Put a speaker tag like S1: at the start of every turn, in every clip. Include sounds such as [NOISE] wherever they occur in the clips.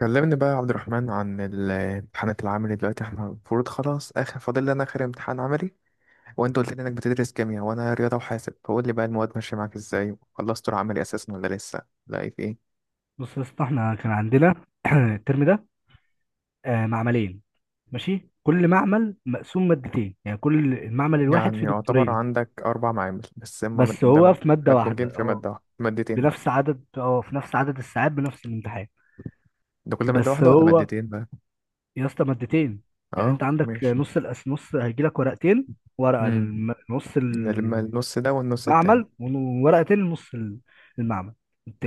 S1: كلمني بقى يا عبد الرحمن عن الامتحانات العملي دلوقتي، احنا المفروض خلاص اخر، فاضل لنا اخر امتحان عملي. وانت قلت لي انك بتدرس كيمياء وانا رياضة وحاسب، فقول لي بقى المواد ماشية معاك ازاي. خلصت العملي اساسا ولا لسه لاقي في ايه؟
S2: بص يا اسطى احنا كان عندنا [CLEARS THROAT] الترم ده، معملين. ماشي، كل معمل مقسوم مادتين، يعني كل المعمل الواحد
S1: يعني
S2: فيه
S1: يعتبر
S2: دكتورين.
S1: عندك اربع معامل بس، هما
S2: بس
S1: ده
S2: هو في مادة واحدة.
S1: مدموجين في
S2: اه،
S1: مادة واحدة، مادتين بقى.
S2: بنفس عدد اه في نفس عدد الساعات، بنفس الامتحان.
S1: ده كل مادة
S2: بس
S1: واحدة ولا
S2: هو
S1: مادتين بقى؟
S2: يا اسطى مادتين. يعني انت
S1: اه
S2: عندك
S1: ماشي.
S2: نص الأس، نص هيجي لك ورقتين، ورقة
S1: امم
S2: نص
S1: ده لما
S2: المعمل،
S1: النص ده والنص التاني.
S2: وورقتين لنص المعمل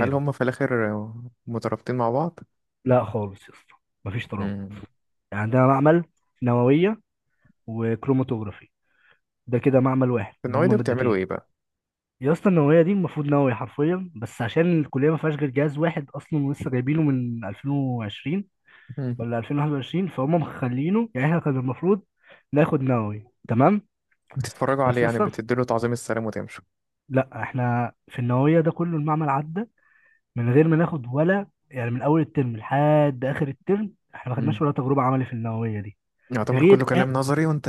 S1: هل هما في الاخر مترابطين مع بعض؟
S2: لا خالص يا اسطى، مفيش ترابط.
S1: امم
S2: يعني عندنا معمل نووية وكروماتوجرافي، ده كده معمل واحد
S1: في
S2: اللي
S1: النوعية
S2: هما
S1: ده بتعملوا
S2: مادتين.
S1: ايه بقى؟
S2: يا اسطى النوويه دي المفروض نووي حرفيا، بس عشان الكليه ما فيهاش غير جهاز واحد اصلا، ولسه جايبينه من 2020 ولا 2021، فهم مخلينه. يعني احنا كان المفروض ناخد نووي تمام،
S1: بتتفرجوا عليه
S2: بس
S1: يعني،
S2: اصلا
S1: بتديله تعظيم السلام وتمشوا؟
S2: لا، احنا في النوويه ده كله المعمل عدى من غير ما ناخد ولا، يعني من اول الترم لحد اخر الترم احنا ما
S1: مم.
S2: خدناش ولا تجربه عملي في النوويه دي،
S1: يعتبر كله
S2: غير
S1: كلام نظري وانت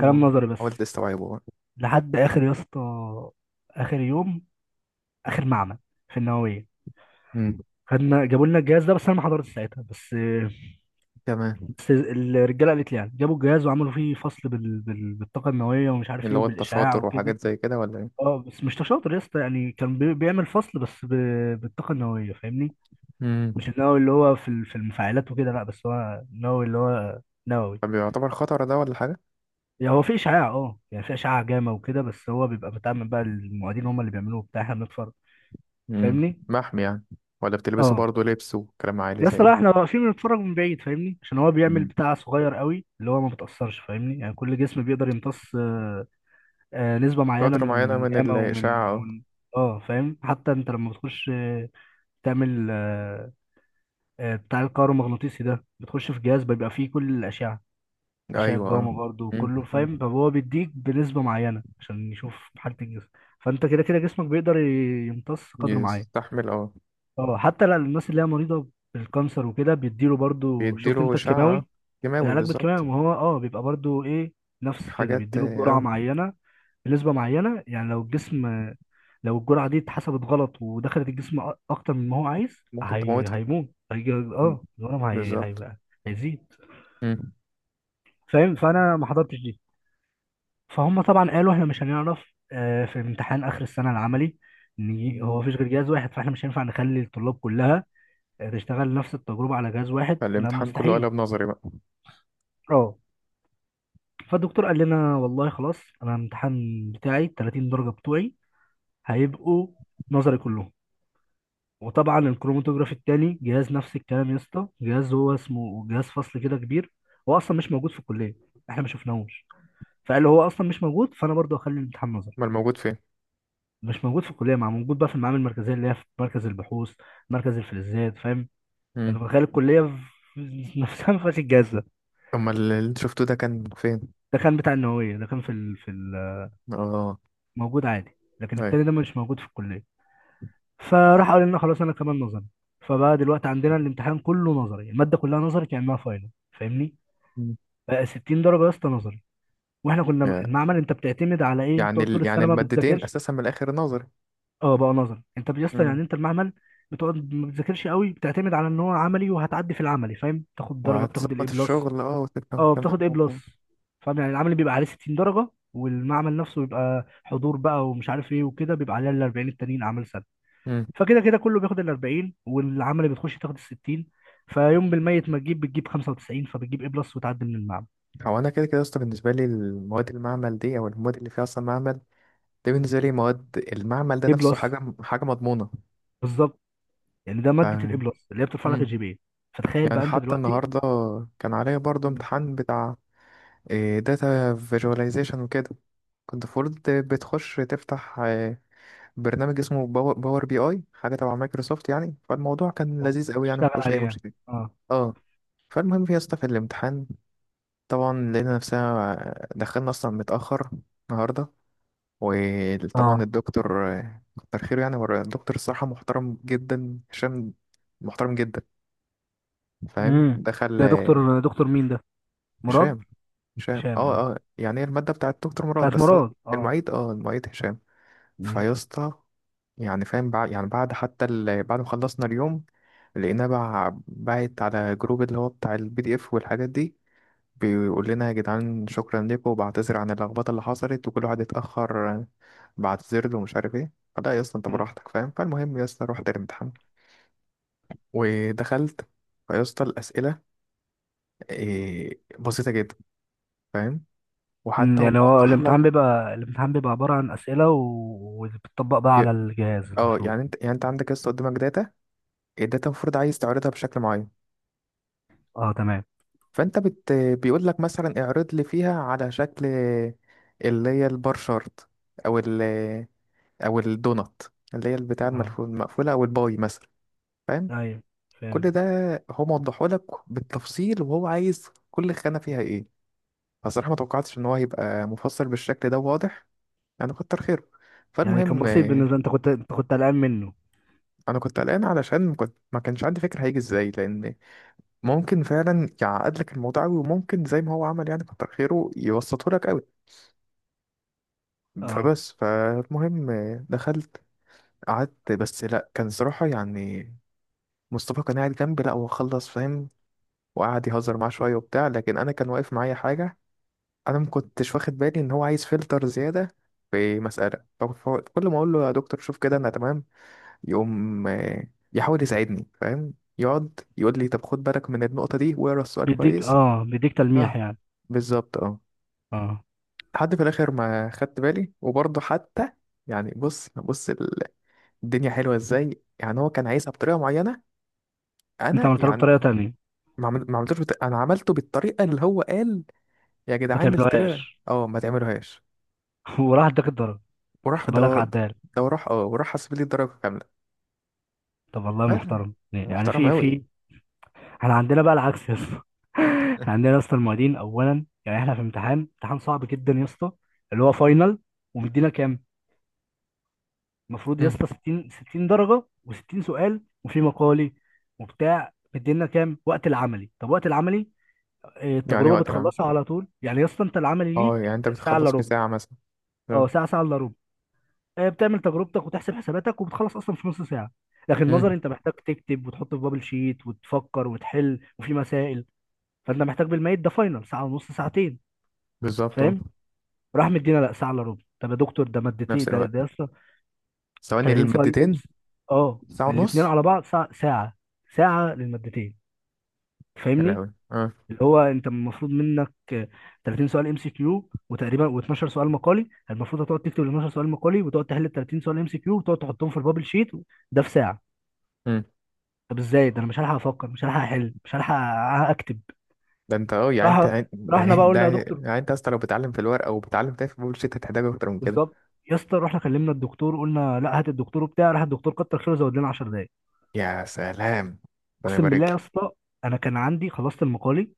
S2: كلام نظري
S1: حاول
S2: بس.
S1: تستوعبه بقى.
S2: لحد اخر يا اسطى، اخر يوم، اخر معمل في النوويه،
S1: مم.
S2: خدنا، جابوا لنا الجهاز ده، بس انا ما حضرتش ساعتها. بس
S1: تمام.
S2: بس الرجاله قالت لي يعني جابوا الجهاز وعملوا فيه فصل بالطاقه النوويه، ومش عارف
S1: اللي
S2: ايه،
S1: هو
S2: وبالاشعاع
S1: التشاطر
S2: وكده.
S1: وحاجات زي كده ولا ايه؟
S2: اه بس مش شاطر يا اسطى، يعني كان بيعمل فصل بس بالطاقه النوويه، فاهمني؟
S1: مم.
S2: مش النووي اللي هو في المفاعلات وكده، لا، بس هو النووي اللي هو نووي.
S1: طب يعتبر خطر ده ولا حاجة؟
S2: يعني هو في اشعاع، اه، يعني في اشعاع جاما وكده، بس هو بيبقى بتعمل بقى، المعيدين هم اللي بيعملوه بتاع، احنا بنتفرج،
S1: مم.
S2: فاهمني؟
S1: محمي يعني؟ ولا بتلبسه
S2: اه
S1: برضه لبس وكلام عالي
S2: يا
S1: زي
S2: اسطى،
S1: ده؟
S2: لا احنا واقفين بنتفرج من بعيد فاهمني، عشان هو بيعمل
S1: مم.
S2: بتاع صغير قوي اللي هو ما بتأثرش، فاهمني؟ يعني كل جسم بيقدر يمتص نسبة معينة
S1: قدر
S2: من
S1: معينة
S2: من
S1: من
S2: جاما ومن
S1: الإشاعة.
S2: ومن اه فاهم، حتى انت لما بتخش تعمل بتاع الكهرومغناطيسي ده، بتخش في جهاز بيبقى فيه كل الأشعة،
S1: اه
S2: أشعة
S1: أيوة اه.
S2: جاما برضه
S1: مم.
S2: وكله،
S1: مم.
S2: فاهم؟ فهو بيديك بنسبة معينة عشان يشوف حالة الجسم. فانت كده كده جسمك بيقدر يمتص قدر معين.
S1: يستحمل اه.
S2: اه حتى للناس اللي هي مريضة بالكانسر وكده بيديله برضه، شفت
S1: بيديله
S2: انت
S1: إشاعة اه.
S2: الكيماوي،
S1: كيماوي
S2: العلاج
S1: بالظبط.
S2: بالكيماوي؟ ما هو اه بيبقى برضو ايه، نفس كده
S1: حاجات
S2: بيديله
S1: اه
S2: بجرعه معينه بنسبه معينه. يعني لو الجسم، لو الجرعه دي اتحسبت غلط ودخلت الجسم اكتر من ما هو عايز،
S1: ممكن تموته.
S2: هيموت، هيجي
S1: مم.
S2: اه الورم
S1: بالظبط.
S2: هيبقى هيزيد، فاهم؟ فانا ما حضرتش دي، فهم، طبعا قالوا احنا مش هنعرف. في امتحان اخر السنه العملي، ان
S1: مم.
S2: هو مفيش غير جهاز واحد، فاحنا مش هينفع نخلي الطلاب كلها تشتغل نفس التجربه على جهاز واحد، لا
S1: فالامتحان كله
S2: مستحيل.
S1: قلب نظري بقى.
S2: اه فالدكتور قال لنا والله خلاص انا الامتحان بتاعي ال 30 درجه بتوعي هيبقوا نظري كلهم. وطبعا الكروماتوجراف التاني جهاز نفس الكلام يا اسطى، جهاز هو اسمه جهاز فصل كده كبير، هو اصلا مش موجود في الكليه، احنا ما شفناهوش. فقال له هو اصلا مش موجود، فانا برضه هخلي الامتحان نظري.
S1: امال الموجود فين؟
S2: مش موجود في الكليه، مع موجود بقى في المعامل المركزيه اللي هي في مركز البحوث، مركز الفلزات، فاهم؟
S1: امم
S2: انا متخيل الكليه [LAUGHS] نفسها ما فيهاش الجهاز ده.
S1: امال اللي انت شفته ده كان فين؟
S2: ده كان بتاع النوويه، ده كان
S1: اه
S2: موجود عادي، لكن
S1: ايوه.
S2: التاني ده مش موجود في الكليه. فراح قال لنا خلاص انا كمان نظري. فبقى دلوقتي عندنا الامتحان كله نظري، الماده كلها نظري كانها فاينل، فاهمني؟
S1: مم.
S2: بقى 60 درجه يا اسطى نظري. واحنا كنا
S1: يا-
S2: المعمل انت بتعتمد على ايه؟
S1: يعني
S2: بتقعد طول
S1: يعني
S2: السنه ما
S1: المادتين
S2: بتذاكرش.
S1: اساسا من الاخر نظري.
S2: اه بقى نظري انت يا اسطى، يعني
S1: امم.
S2: انت المعمل بتقعد ما بتذاكرش قوي، بتعتمد على ان هو عملي وهتعدي في العملي، فاهم؟ تاخد درجه، بتاخد الاي
S1: وهتظبط
S2: بلس.
S1: الشغل اه وتفهم
S2: اه
S1: كام
S2: بتاخد اي
S1: حاجة.
S2: بلس. فاهم؟ يعني العملي بيبقى عليه 60 درجه، والمعمل نفسه بيبقى حضور بقى ومش عارف ايه وكده، بيبقى عليه ال 40 التانيين اعمال سنه.
S1: امم
S2: فكده كده كله بياخد ال 40، والعملي بتخش تاخد ال 60. فيوم بالميت ما تجيب بتجيب 95، فبتجيب اي بلس وتعدي من المعمل.
S1: هو انا كده كده اصلا بالنسبه لي المواد المعمل دي او المواد اللي فيها اصلا معمل. ده بالنسبه لي مواد المعمل ده
S2: اي
S1: نفسه
S2: بلس
S1: حاجه حاجه مضمونه.
S2: بالظبط، يعني ده
S1: ف...
S2: ماده الاي بلس اللي هي بترفع لك
S1: امم
S2: الجي بي. فتخيل
S1: يعني
S2: بقى انت
S1: حتى
S2: دلوقتي.
S1: النهارده كان عليا برضو
S2: مم.
S1: امتحان بتاع داتا فيجواليزيشن وكده. كنت المفروض بتخش تفتح برنامج اسمه باور بي اي، حاجه تبع مايكروسوفت. يعني فالموضوع كان
S2: أه.
S1: لذيذ قوي، يعني
S2: تشتغل
S1: مفيهوش اي
S2: عليها.
S1: مشكله.
S2: اه
S1: اه. فالمهم يا اسطى في الامتحان، طبعا لقينا نفسنا دخلنا اصلا متاخر النهارده. وطبعا
S2: اه.
S1: الدكتور كتر خيره، يعني هو الدكتور الصراحه محترم جدا، هشام، محترم جدا. فاهم؟
S2: امم.
S1: دخل
S2: ده دكتور، دكتور مين ده؟ مراد؟
S1: هشام. هشام
S2: هشام.
S1: اه
S2: مم.
S1: اه، يعني هي المادة بتاعت دكتور مراد،
S2: بتاعت
S1: بس هو
S2: مراد. اه.
S1: المعيد، اه المعيد هشام.
S2: مم.
S1: فيا اسطى، يعني فاهم بعد، يعني بعد حتى بعد ما خلصنا اليوم لقيناه باعت على جروب اللي هو بتاع البي دي اف والحاجات دي. بيقول لنا يا جدعان شكرا لكم، وبعتذر عن اللخبطة اللي حصلت وكل واحد اتأخر بعتذر له ومش عارف ايه. فلا يا اسطى انت
S2: مم.
S1: براحتك فاهم. فالمهم يا اسطى رحت الامتحان ودخلت. فيا اسطى الأسئلة إيه بسيطة جدا، فاهم؟ وحتى
S2: مم.
S1: هو
S2: يعني هو
S1: موضح لك.
S2: الامتحان بيبقى، الامتحان بيبقى عباره عن اسئله وبتطبق بقى
S1: ي-
S2: على الجهاز
S1: اه
S2: المفروض.
S1: يعني انت، يعني انت عندك لسه قدامك داتا. الداتا المفروض عايز تعرضها بشكل معين.
S2: اه تمام.
S1: فانت بيقول لك مثلا اعرض لي فيها على شكل اللي هي البار شارت، او ال، او الدونات، اللي هي البتاع
S2: اه.
S1: المقفوله، او الباي مثلا. فاهم؟
S2: ايوه فهمت.
S1: كل ده هو موضحه لك بالتفصيل، وهو عايز كل خانه فيها ايه. فصراحه ما توقعتش ان هو هيبقى مفصل بالشكل ده، واضح يعني. كتر خيره.
S2: يعني كان
S1: فالمهم
S2: بسيط بالنسبة، انت كنت قلقان منه؟
S1: انا كنت قلقان علشان كنت ما كانش عندي فكره هيجي ازاي، لان ممكن فعلا يعقد لك الموضوع قوي، وممكن زي ما هو عمل يعني كتر خيره يبسطه لك قوي.
S2: اه
S1: فبس فالمهم، دخلت قعدت، بس لا كان صراحة يعني مصطفى كان قاعد جنبي، لا هو خلص فاهم. وقعد يهزر معاه شوية وبتاع، لكن أنا كان واقف معايا حاجة. أنا ما كنتش واخد بالي إن هو عايز فلتر زيادة في مسألة. فكل ما أقول له يا دكتور شوف كده أنا تمام، يقوم يحاول يساعدني، فاهم. يقعد يقول لي طب خد بالك من النقطة دي واقرا السؤال
S2: بيديك
S1: كويس.
S2: اه بيديك تلميح
S1: اه
S2: يعني.
S1: بالظبط اه.
S2: اه
S1: لحد في الاخر ما خدت بالي. وبرضه حتى يعني بص بص الدنيا حلوه ازاي. يعني هو كان عايزها بطريقه معينه،
S2: انت
S1: انا
S2: عملت له
S1: يعني
S2: بطريقة تانية؟
S1: ما عملتوش انا عملته بالطريقه اللي هو قال يا
S2: ما
S1: جدعان الطريقه
S2: تعملوهاش
S1: اه ما تعملوهاش.
S2: [LAUGHS] وراح اداك الضرب،
S1: وراح
S2: حسبها
S1: ده،
S2: لك عدال.
S1: ده وراح اه، وراح حسب لي الدرجه كامله.
S2: طب والله
S1: فعلا
S2: محترم، يعني
S1: محترم
S2: في
S1: قوي.
S2: في احنا عندنا بقى العكس يا اسطى. [LAUGHS] احنا
S1: [LAUGHS]
S2: عندنا يا اسطى المعيدين اولا، يعني احنا في امتحان، امتحان صعب جدا يا اسطى، اللي هو فاينل، ومدينا كام؟ المفروض يا
S1: مم.
S2: اسطى 60 60 درجة، و60 سؤال، وفي مقالي وبتاع، مدينا كام وقت العملي؟ طب وقت العملي إيه،
S1: يعني
S2: التجربه
S1: وقت العمل،
S2: بتخلصها على طول، يعني يا اسطى انت العملي ليك
S1: اه يعني انت
S2: ساعه الا
S1: بتخلص في
S2: ربع.
S1: ساعه مثلا.
S2: اه
S1: اه.
S2: ساعه الا ربع. إيه، بتعمل تجربتك وتحسب حساباتك، وبتخلص اصلا في نص ساعه. لكن
S1: مم.
S2: نظري انت محتاج تكتب وتحط في بابل شيت، وتفكر وتحل وفي مسائل، فانت محتاج بالميت ده فاينل ساعه ونص، ساعتين،
S1: بالظبط اه.
S2: فاهم؟ راح مدينا لا ساعه الا ربع، طب يا دكتور ده مادتين،
S1: نفس
S2: ده
S1: الوقت،
S2: ده يا اسطى
S1: ثواني
S2: 30 سؤال
S1: المادتين.
S2: امس، اه
S1: ساعه
S2: الاثنين
S1: ونص.
S2: على بعض ساعه، ساعه، ساعه للمادتين،
S1: يا
S2: فاهمني؟
S1: لهوي اه.
S2: اللي هو انت المفروض منك 30 سؤال ام سي كيو، وتقريبا و12 سؤال مقالي، المفروض هتقعد تكتب ال 12 سؤال مقالي، وتقعد تحل ال 30 سؤال ام سي كيو، وتقعد تحطهم في البابل شيت، ده في ساعه؟ طب ازاي ده؟ انا مش هلحق افكر، مش هلحق احل، مش هلحق اكتب.
S1: ده انت اه يعني انت
S2: راح
S1: يعني، ده
S2: رحنا بقى
S1: [LAUGHS] ده،
S2: قلنا يا دكتور،
S1: يعني انت اصلا لو بتعلم في الورق او بتعلم تاني في البولشيت هتحتاج اكتر من كده.
S2: بالظبط يا اسطى، رحنا كلمنا الدكتور قلنا لا هات الدكتور وبتاع، راح الدكتور كتر خيره زود لنا 10 دقايق.
S1: يا سلام، ربنا
S2: اقسم بالله
S1: يبارك
S2: يا
S1: لك.
S2: اسطى انا كان عندي، خلصت المقالي،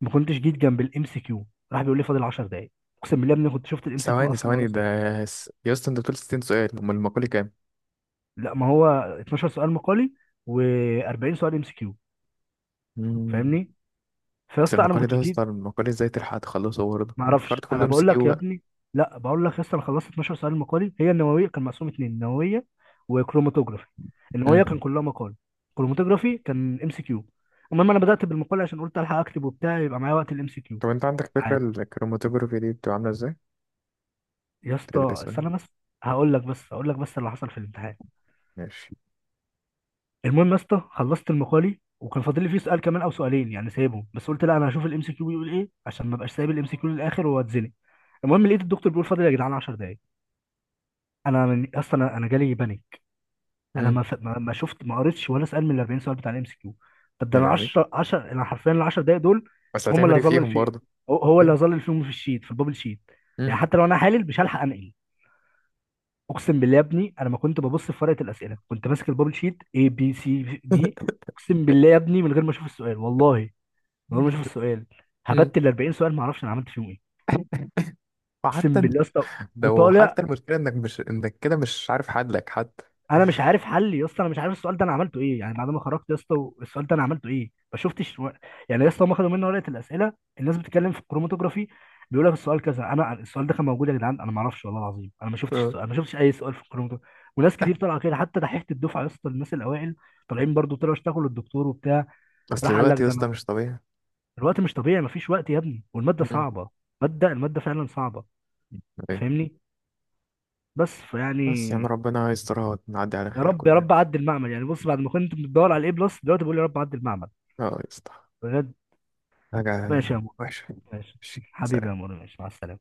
S2: ما كنتش جيت جنب الام سي كيو، راح بيقول لي فاضل 10 دقايق. اقسم بالله يا ابني كنت شفت الام سي كيو
S1: ثواني
S2: اصلا ولا؟
S1: ثواني ده، يا اسطى انت بتقول 60 سؤال، امال المقالي كام؟
S2: لا، ما هو 12 سؤال مقالي و40 سؤال ام سي كيو،
S1: مم.
S2: فاهمني؟ فيا
S1: بس
S2: اسطى انا ما
S1: المقالي
S2: كنتش
S1: ده يا
S2: بجيب.
S1: اسطى المقالي ازاي تلحق تخلصه برضه؟
S2: ما
S1: الكارت
S2: اعرفش
S1: كله
S2: انا
S1: ام سي
S2: بقول
S1: كيو
S2: لك يا
S1: بقى.
S2: ابني، لا بقول لك يا اسطى، انا خلصت 12 سؤال مقالي. هي النوويه كان مقسوم اتنين، نوويه وكروماتوجرافي. النوويه كان
S1: مم.
S2: كلها مقال، كروماتوجرافي كان ام سي كيو. المهم انا بدات بالمقال عشان قلت الحق اكتب وبتاع يبقى معايا وقت الام سي كيو.
S1: طب انت عندك فكرة
S2: عادي
S1: الكروماتوجرافي دي بتبقى عاملة ازاي؟
S2: يا اسطى
S1: تدرسها يعني.
S2: استنى بس، هقول لك بس اللي حصل في الامتحان.
S1: ماشي.
S2: المهم يا اسطى خلصت المقالي، وكان فاضل لي فيه سؤال كمان او سؤالين يعني سايبهم، بس قلت لا انا هشوف الام سي كيو بيقول ايه، عشان ما ابقاش سايب الام سي كيو للاخر واتزنق. المهم لقيت الدكتور بيقول فاضل يا جدعان 10 دقايق. انا من اصلا، انا جالي بانيك. انا
S1: مم.
S2: ما شفت، ما قريتش ولا سؤال من ال 40 سؤال بتاع الام سي كيو. طب ده
S1: يا
S2: انا
S1: لهوي،
S2: 10 10 انا حرفيا ال 10 دقايق دول
S1: بس
S2: هم
S1: هتعمل
S2: اللي
S1: ايه
S2: هظلل
S1: فيهم
S2: فيهم،
S1: برضه؟
S2: هو اللي
S1: ايوه.
S2: هظلل فيهم في الشيت، في البابل شيت. يعني
S1: مم.
S2: حتى لو انا حالل مش هلحق انقل، اقسم بالله يا ابني انا ما كنت ببص في ورقه الاسئله، كنت ماسك البابل شيت اي بي سي دي،
S1: [LAUGHS]
S2: اقسم بالله يا ابني من غير ما اشوف السؤال، والله من غير ما اشوف السؤال،
S1: مم.
S2: هبت ال 40 سؤال، ما اعرفش انا عملت فيهم ايه. اقسم
S1: وحتى،
S2: بالله يا اسطى
S1: ده
S2: وطالع،
S1: وحتى المشكلة انك مش، انك كده مش عارف حدلك حتى.
S2: انا مش عارف حل يا اسطى، انا مش عارف السؤال ده انا عملته ايه. يعني بعد ما خرجت يا اسطى، السؤال ده انا عملته ايه؟ ما شفتش يعني يا اسطى هم خدوا مني ورقه الاسئله، الناس بتتكلم في الكروماتوجرافي، بيقول لك السؤال كذا، انا السؤال ده كان موجود يا جدعان؟ انا ما اعرفش والله العظيم، انا ما شفتش
S1: اه.
S2: السؤال، ما شفتش اي سؤال في الكروماتوجرافي. وناس كتير طالعه كده، حتى دحيحه الدفعه يا اسطى، الناس الاوائل طالعين برضو، طلعوا اشتغلوا الدكتور وبتاع،
S1: اصل
S2: راح قال لك
S1: الوقت يا
S2: ده
S1: اسطى
S2: انا
S1: مش طبيعي.
S2: الوقت مش طبيعي، ما فيش وقت يا ابني والماده
S1: مم.
S2: صعبه. ماده الماده فعلا صعبه، انت
S1: طيب.
S2: فاهمني؟ بس فيعني،
S1: بس يا عم ربنا يسترها ونعدي على
S2: يا
S1: خير
S2: رب يا
S1: كلنا.
S2: رب عدي المعمل، يعني بص بعد ما كنت بتدور على الاي بلس دلوقتي بقول يا رب عدي المعمل.
S1: اه يا اسطى.
S2: بجد
S1: حاجة
S2: ماشي يا مور،
S1: وحشة.
S2: ماشي
S1: ماشي
S2: حبيبي يا
S1: سلام.
S2: مور، ماشي مع السلامه.